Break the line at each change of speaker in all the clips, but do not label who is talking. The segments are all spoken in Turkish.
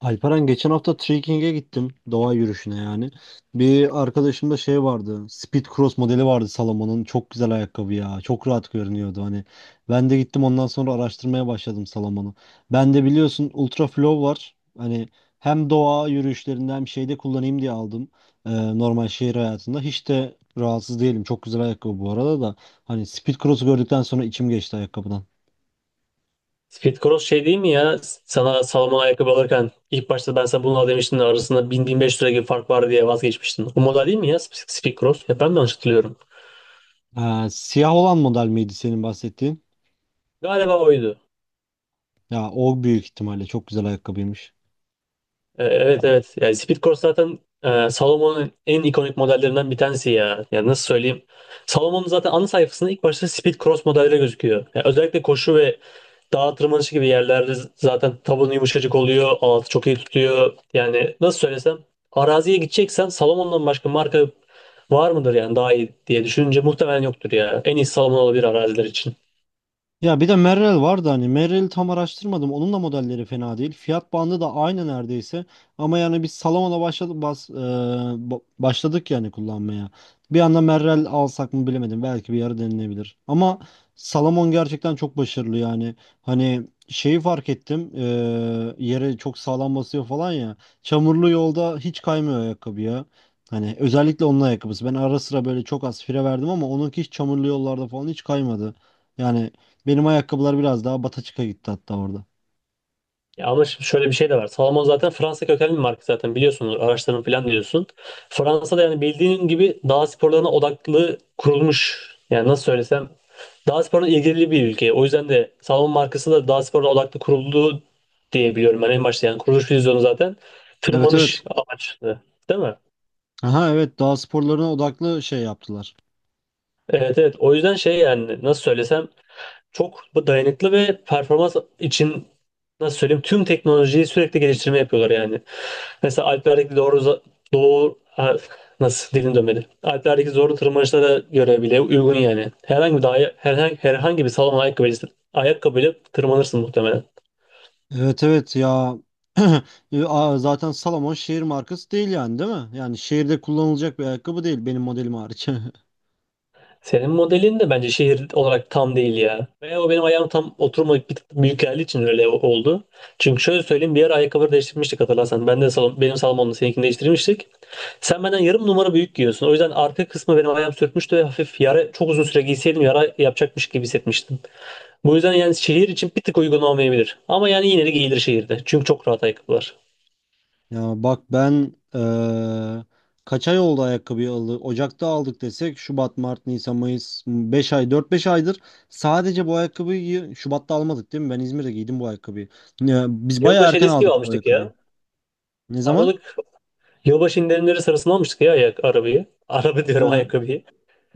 Alperen geçen hafta trekking'e gittim. Doğa yürüyüşüne yani. Bir arkadaşımda şey vardı. Speed Cross modeli vardı Salomon'un. Çok güzel ayakkabı ya. Çok rahat görünüyordu hani. Ben de gittim ondan sonra araştırmaya başladım Salomon'u. Ben de biliyorsun Ultra Flow var. Hani hem doğa yürüyüşlerinde hem şeyde kullanayım diye aldım. Ee, Normal şehir hayatında. Hiç de rahatsız değilim. Çok güzel ayakkabı bu arada da. Hani Speed Cross'u gördükten sonra içim geçti ayakkabıdan.
Speed Cross şey değil mi ya? Sana Salomon ayakkabı alırken ilk başta ben sana bunu al demiştim de arasında bin-bin beş 1500 lira gibi fark var diye vazgeçmiştin. O model değil mi ya Speed Cross? Ya ben de yanlış hatırlıyorum.
Siyah olan model miydi senin bahsettiğin?
Galiba oydu.
Ya o büyük ihtimalle çok güzel ayakkabıymış.
Evet evet. Yani Speed Corse zaten Salomon'un en ikonik modellerinden bir tanesi ya. Yani nasıl söyleyeyim? Salomon'un zaten ana sayfasında ilk başta Speed Cross modelleri gözüküyor. Yani özellikle koşu ve dağ tırmanışı gibi yerlerde zaten tabanı yumuşacık oluyor. Altı çok iyi tutuyor. Yani nasıl söylesem, araziye gideceksen Salomon'dan başka marka var mıdır yani daha iyi diye düşününce muhtemelen yoktur ya. En iyi Salomon olabilir araziler için.
Ya bir de Merrell vardı, hani Merrell'i tam araştırmadım. Onun da modelleri fena değil. Fiyat bandı da aynı neredeyse. Ama yani biz Salomon'a başladık bas, e, ba- başladık yani kullanmaya. Bir anda Merrell alsak mı bilemedim. Belki bir ara denilebilir. Ama Salomon gerçekten çok başarılı yani. Hani şeyi fark ettim. Yere çok sağlam basıyor falan ya. Çamurlu yolda hiç kaymıyor ayakkabı ya. Hani özellikle onun ayakkabısı. Ben ara sıra böyle çok az fire verdim ama onunki hiç çamurlu yollarda falan hiç kaymadı. Yani benim ayakkabılar biraz daha bataçıka gitti hatta orada.
Ya ama şimdi şöyle bir şey de var. Salomon zaten Fransa kökenli bir marka zaten biliyorsun. Araçların falan diyorsun. Fransa'da yani bildiğin gibi dağ sporlarına odaklı kurulmuş. Yani nasıl söylesem, dağ sporuna ilgili bir ülke. O yüzden de Salomon markası da dağ sporuna odaklı kuruldu diye biliyorum ben en başta. Yani kuruluş vizyonu zaten
Evet, evet.
tırmanış amaçlı. Değil mi?
Aha, evet, dağ sporlarına odaklı şey yaptılar.
Evet evet. O yüzden şey, yani nasıl söylesem çok bu dayanıklı ve performans için, nasıl söyleyeyim, tüm teknolojiyi sürekli geliştirme yapıyorlar yani. Mesela Alplerdeki doğru doğu, nasıl dilim dönmedi. Alplerdeki zorlu tırmanışlara göre bile uygun yani. Herhangi bir dahi, herhangi bir salon ayakkabıyla tırmanırsın muhtemelen.
Evet, evet ya. Zaten Salomon şehir markası değil yani, değil mi? Yani şehirde kullanılacak bir ayakkabı değil, benim modelim hariç.
Senin modelin de bence şehir olarak tam değil ya. Veya o benim ayağım tam oturmayıp bir tık büyük geldiği için öyle oldu. Çünkü şöyle söyleyeyim, bir ara ayakkabıları değiştirmiştik hatırlarsan. Ben de benim salonumda seninkini değiştirmiştik. Sen benden yarım numara büyük giyiyorsun. O yüzden arka kısmı benim ayağım sürtmüştü ve hafif yara, çok uzun süre giyseydim yara yapacakmış gibi hissetmiştim. Bu yüzden yani şehir için bir tık uygun olmayabilir. Ama yani yine de giyilir şehirde. Çünkü çok rahat ayakkabılar.
Ya bak ben, kaç ay oldu ayakkabıyı Ocak'ta aldık desek, Şubat, Mart, Nisan, Mayıs 5 ay, 4-5 aydır sadece bu ayakkabıyı. Şubat'ta almadık değil mi? Ben İzmir'de giydim bu ayakkabıyı. Ya, biz bayağı
Yılbaşı
erken
hediyesi gibi
aldık bu
almıştık
ayakkabıyı.
ya.
Ne zaman?
Aralık yılbaşı indirimleri sırasında almıştık ya ayak arabayı. Araba diyorum
Ha.
ayakkabıyı.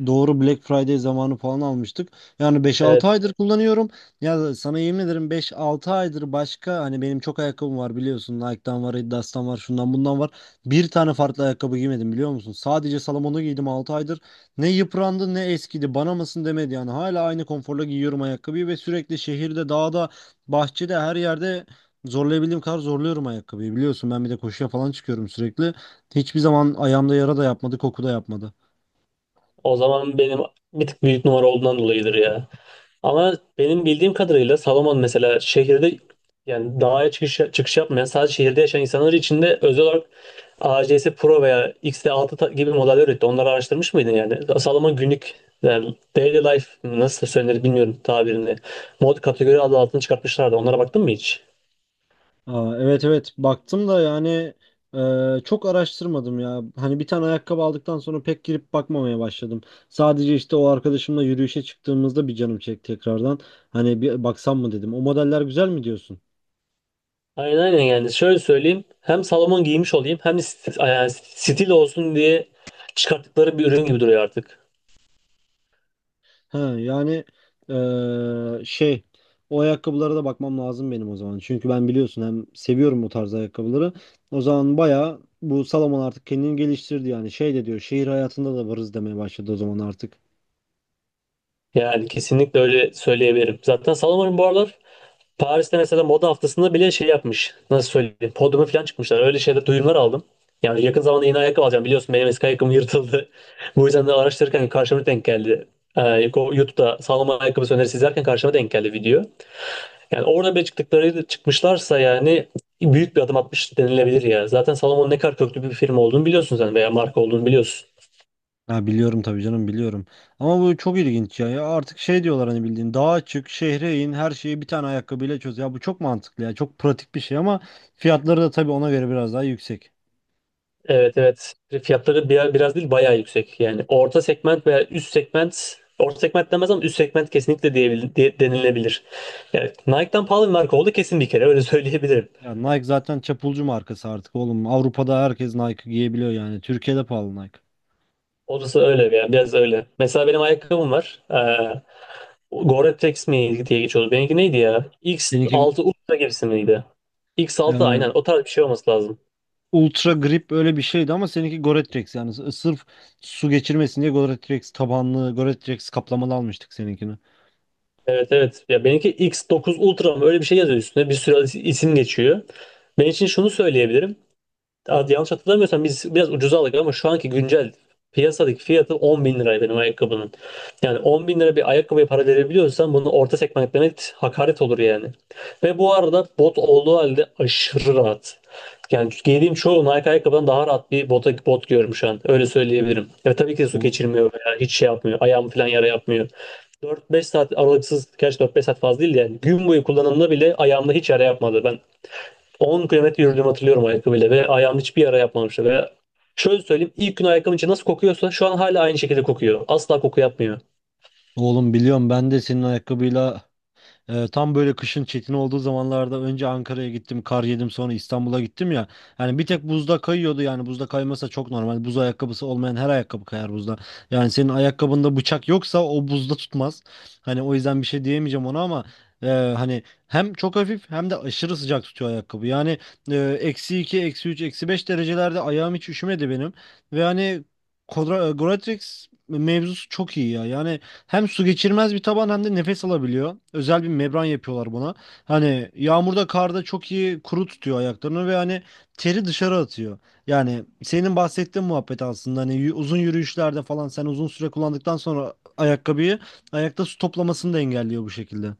Doğru, Black Friday zamanı falan almıştık. Yani beş altı
Evet.
aydır kullanıyorum. Ya sana yemin ederim, 5-6 aydır başka, hani benim çok ayakkabım var biliyorsun. Nike'dan var, Adidas'tan var, şundan bundan var. Bir tane farklı ayakkabı giymedim biliyor musun? Sadece Salomon'u giydim 6 aydır. Ne yıprandı ne eskidi. Bana mısın demedi yani. Hala aynı konforla giyiyorum ayakkabıyı ve sürekli şehirde, dağda, bahçede, her yerde zorlayabildiğim kadar zorluyorum ayakkabıyı. Biliyorsun ben bir de koşuya falan çıkıyorum sürekli. Hiçbir zaman ayağımda yara da yapmadı, koku da yapmadı.
O zaman benim bir tık büyük numara olduğundan dolayıdır ya. Ama benim bildiğim kadarıyla Salomon mesela şehirde, yani dağa çıkış, çıkış yapmayan sadece şehirde yaşayan insanlar için de özel olarak ACS Pro veya XT6 gibi modeller üretti. Onları araştırmış mıydın yani? Salomon günlük, yani daily life mı, nasıl söylenir bilmiyorum tabirini. Mod kategori adı altını çıkartmışlardı. Onlara baktın mı hiç?
Evet, evet, baktım da yani çok araştırmadım ya. Hani bir tane ayakkabı aldıktan sonra pek girip bakmamaya başladım. Sadece işte o arkadaşımla yürüyüşe çıktığımızda bir canım çekti tekrardan. Hani bir baksam mı dedim. O modeller güzel mi diyorsun?
Aynen aynen, yani şöyle söyleyeyim. Hem Salomon giymiş olayım hem de yani stil olsun diye çıkarttıkları bir ürün gibi duruyor artık.
Ha, yani, şey, o ayakkabılara da bakmam lazım benim o zaman. Çünkü ben biliyorsun hem seviyorum o tarz ayakkabıları. O zaman baya bu Salomon artık kendini geliştirdi yani, şey de diyor, şehir hayatında da varız demeye başladı o zaman artık.
Yani kesinlikle öyle söyleyebilirim. Zaten Salomon'un bu aralar Paris'te mesela moda haftasında bile şey yapmış. Nasıl söyleyeyim? Podyuma falan çıkmışlar. Öyle şeyler, duyumlar aldım. Yani yakın zamanda yeni ayakkabı alacağım. Biliyorsun benim eski ayakkabım yırtıldı. Bu yüzden de araştırırken karşıma denk geldi. YouTube'da sağlam ayakkabı önerisi izlerken karşıma denk geldi video. Yani orada bile çıktıkları, çıkmışlarsa yani büyük bir adım atmış denilebilir ya. Zaten Salomon ne kadar köklü bir firma olduğunu biliyorsun sen, veya marka olduğunu biliyorsun.
Ha, biliyorum tabii canım, biliyorum. Ama bu çok ilginç ya. Ya artık şey diyorlar hani, bildiğin dağa çık, şehre in, her şeyi bir tane ayakkabıyla çöz. Ya bu çok mantıklı ya. Çok pratik bir şey ama fiyatları da tabii ona göre biraz daha yüksek.
Evet evet. Fiyatları biraz değil bayağı yüksek. Yani orta segment veya üst segment, orta segment demez ama üst segment kesinlikle denilebilir. Yani Nike'dan pahalı bir marka oldu kesin bir kere, öyle söyleyebilirim.
Ya Nike zaten çapulcu markası artık oğlum. Avrupa'da herkes Nike giyebiliyor yani. Türkiye'de pahalı Nike.
Orası öyle yani, biraz öyle. Mesela benim ayakkabım var. Gore-Tex mi diye geçiyordu. Benimki neydi ya?
Seninki
X6 Ultra gibisi miydi? X6,
e,
aynen o tarz bir şey olması lazım.
Ultra Grip öyle bir şeydi ama seninki Gore-Tex, yani sırf su geçirmesin diye Gore-Tex tabanlı, Gore-Tex kaplamalı almıştık seninkini.
Evet evet. Ya benimki X9 Ultra mı, öyle bir şey yazıyor üstüne. Bir sürü isim geçiyor. Ben için şunu söyleyebilirim. Hadi yanlış hatırlamıyorsam biz biraz ucuza aldık, ama şu anki güncel piyasadaki fiyatı 10 bin lira benim ayakkabının. Yani 10 bin lira bir ayakkabıya para verebiliyorsan, bunu orta segment demek hakaret olur yani. Ve bu arada bot olduğu halde aşırı rahat. Yani giydiğim çoğu Nike ayakkabıdan daha rahat bir bot giyiyorum şu an. Öyle söyleyebilirim. Ya tabii ki de su
Bu
geçirmiyor veya hiç şey yapmıyor. Ayağımı falan yara yapmıyor. 4-5 saat aralıksız, gerçi 4-5 saat fazla değil de yani gün boyu kullanımda bile ayağımda hiç yara yapmadı. Ben 10 kilometre yürüdüğümü hatırlıyorum ayakkabıyla ve ayağım hiçbir yara yapmamıştı. Ve şöyle söyleyeyim, ilk gün ayakkabının içi nasıl kokuyorsa şu an hala aynı şekilde kokuyor. Asla koku yapmıyor.
Oğlum, biliyorum, ben de senin ayakkabıyla, tam böyle kışın çetin olduğu zamanlarda önce Ankara'ya gittim, kar yedim, sonra İstanbul'a gittim ya. Hani bir tek buzda kayıyordu, yani buzda kaymasa çok normal. Buz ayakkabısı olmayan her ayakkabı kayar buzda. Yani senin ayakkabında bıçak yoksa o buzda tutmaz. Hani o yüzden bir şey diyemeyeceğim ona ama e, hani hem çok hafif hem de aşırı sıcak tutuyor ayakkabı. Yani -2, -3, -5 derecelerde ayağım hiç üşümedi benim. Ve hani Goratrix mevzusu çok iyi ya. Yani hem su geçirmez bir taban hem de nefes alabiliyor. Özel bir membran yapıyorlar buna. Hani yağmurda, karda çok iyi kuru tutuyor ayaklarını ve hani teri dışarı atıyor. Yani senin bahsettiğin muhabbet aslında hani uzun yürüyüşlerde falan sen uzun süre kullandıktan sonra ayakkabıyı, ayakta su toplamasını da engelliyor bu şekilde.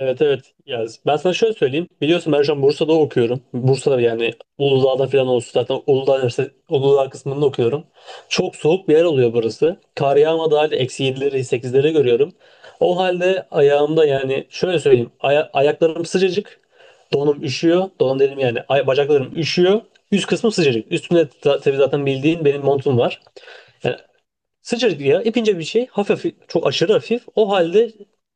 Evet evet. Ya ben sana şöyle söyleyeyim. Biliyorsun ben şu an Bursa'da okuyorum. Bursa'da, yani Uludağ'da falan olsun. Zaten Uludağ, Uludağ kısmında okuyorum. Çok soğuk bir yer oluyor burası. Kar yağmadığı halde eksi 7'leri 8'leri görüyorum. O halde ayağımda, yani şöyle söyleyeyim, ayaklarım sıcacık. Donum üşüyor. Donum dedim yani. Bacaklarım üşüyor. Üst kısmım sıcacık. Üstümde tabii zaten bildiğin benim montum var. Yani sıcacık ya, ipince bir şey, çok aşırı hafif, o halde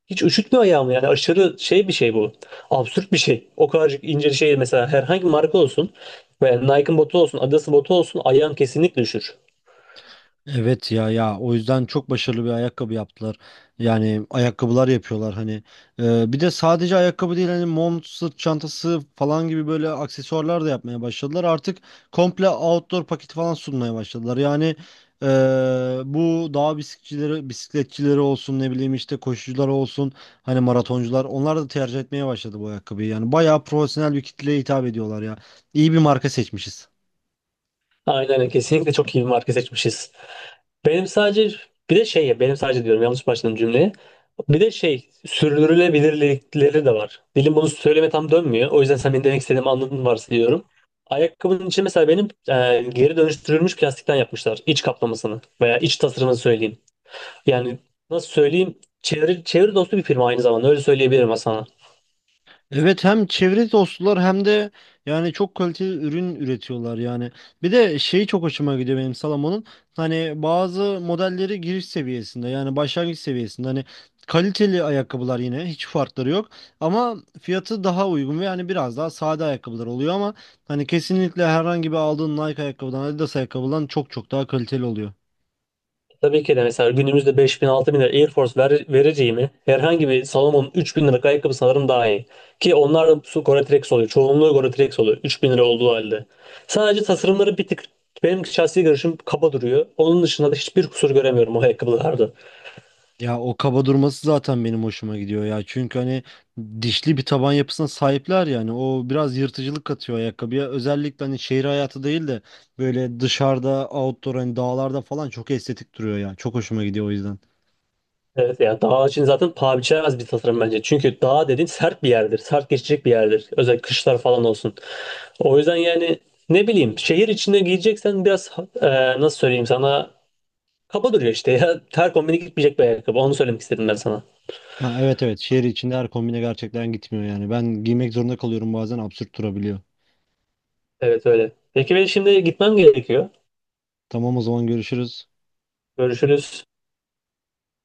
hiç üşütmüyor ayağımı yani, aşırı şey bir şey bu, absürt bir şey, o kadarcık ince bir şey, mesela herhangi bir marka olsun veya Nike'ın botu olsun, Adidas'ın botu olsun ayağım kesinlikle üşür.
Evet ya, ya o yüzden çok başarılı bir ayakkabı yaptılar. Yani ayakkabılar yapıyorlar hani. Bir de sadece ayakkabı değil, hani mont, sırt çantası falan gibi böyle aksesuarlar da yapmaya başladılar. Artık komple outdoor paketi falan sunmaya başladılar. Yani e, bu dağ bisikletçileri olsun, ne bileyim işte koşucular olsun, hani maratoncular, onlar da tercih etmeye başladı bu ayakkabıyı. Yani bayağı profesyonel bir kitleye hitap ediyorlar ya. İyi bir marka seçmişiz.
Aynen öyle. Kesinlikle çok iyi bir marka seçmişiz. Benim sadece, bir de şey ya, benim sadece diyorum, yanlış başladım cümleye. Bir de şey, sürdürülebilirlikleri de var. Dilim bunu söyleme tam dönmüyor. O yüzden sen benim demek istediğimi anladın varsayıyorum. Ayakkabının içi mesela benim, geri dönüştürülmüş plastikten yapmışlar. İç kaplamasını veya iç tasarımını söyleyeyim. Yani nasıl söyleyeyim? Çevre dostu bir firma aynı zamanda, öyle söyleyebilirim sana.
Evet, hem çevre dostlar hem de yani çok kaliteli ürün üretiyorlar yani. Bir de şeyi çok hoşuma gidiyor benim Salomon'un. Hani bazı modelleri giriş seviyesinde, yani başlangıç seviyesinde hani kaliteli ayakkabılar, yine hiç farkları yok ama fiyatı daha uygun ve yani biraz daha sade ayakkabılar oluyor ama hani kesinlikle herhangi bir aldığın Nike ayakkabıdan, Adidas ayakkabıdan çok çok daha kaliteli oluyor.
Tabii ki de mesela günümüzde 5000 bin lira Air Force vereceğimi herhangi bir Salomon'un 3 bin liralık ayakkabı sanırım daha iyi. Ki onlar da su Gore-Tex oluyor. Çoğunluğu Gore-Tex oluyor. 3 bin lira olduğu halde. Sadece tasarımları bir tık, benim şahsi görüşüm, kaba duruyor. Onun dışında da hiçbir kusur göremiyorum o ayakkabılarda.
Ya o kaba durması zaten benim hoşuma gidiyor ya. Çünkü hani dişli bir taban yapısına sahipler yani. O biraz yırtıcılık katıyor ayakkabıya. Özellikle hani şehir hayatı değil de böyle dışarıda, outdoor, hani dağlarda falan çok estetik duruyor ya. Çok hoşuma gidiyor o yüzden.
Evet ya, dağ için zaten paha biçilemez bir tasarım bence. Çünkü dağ dediğin sert bir yerdir. Sert geçecek bir yerdir. Özellikle kışlar falan olsun. O yüzden yani ne bileyim, şehir içinde giyeceksen biraz, e, nasıl söyleyeyim sana, kaba duruyor işte ya. Ter kombini gitmeyecek bir ayakkabı. Onu söylemek istedim ben sana.
Ha, evet, evet, şehir içinde her kombine gerçekten gitmiyor yani. Ben giymek zorunda kalıyorum, bazen absürt durabiliyor.
Evet, öyle. Peki, ben şimdi gitmem gerekiyor.
Tamam, o zaman görüşürüz.
Görüşürüz.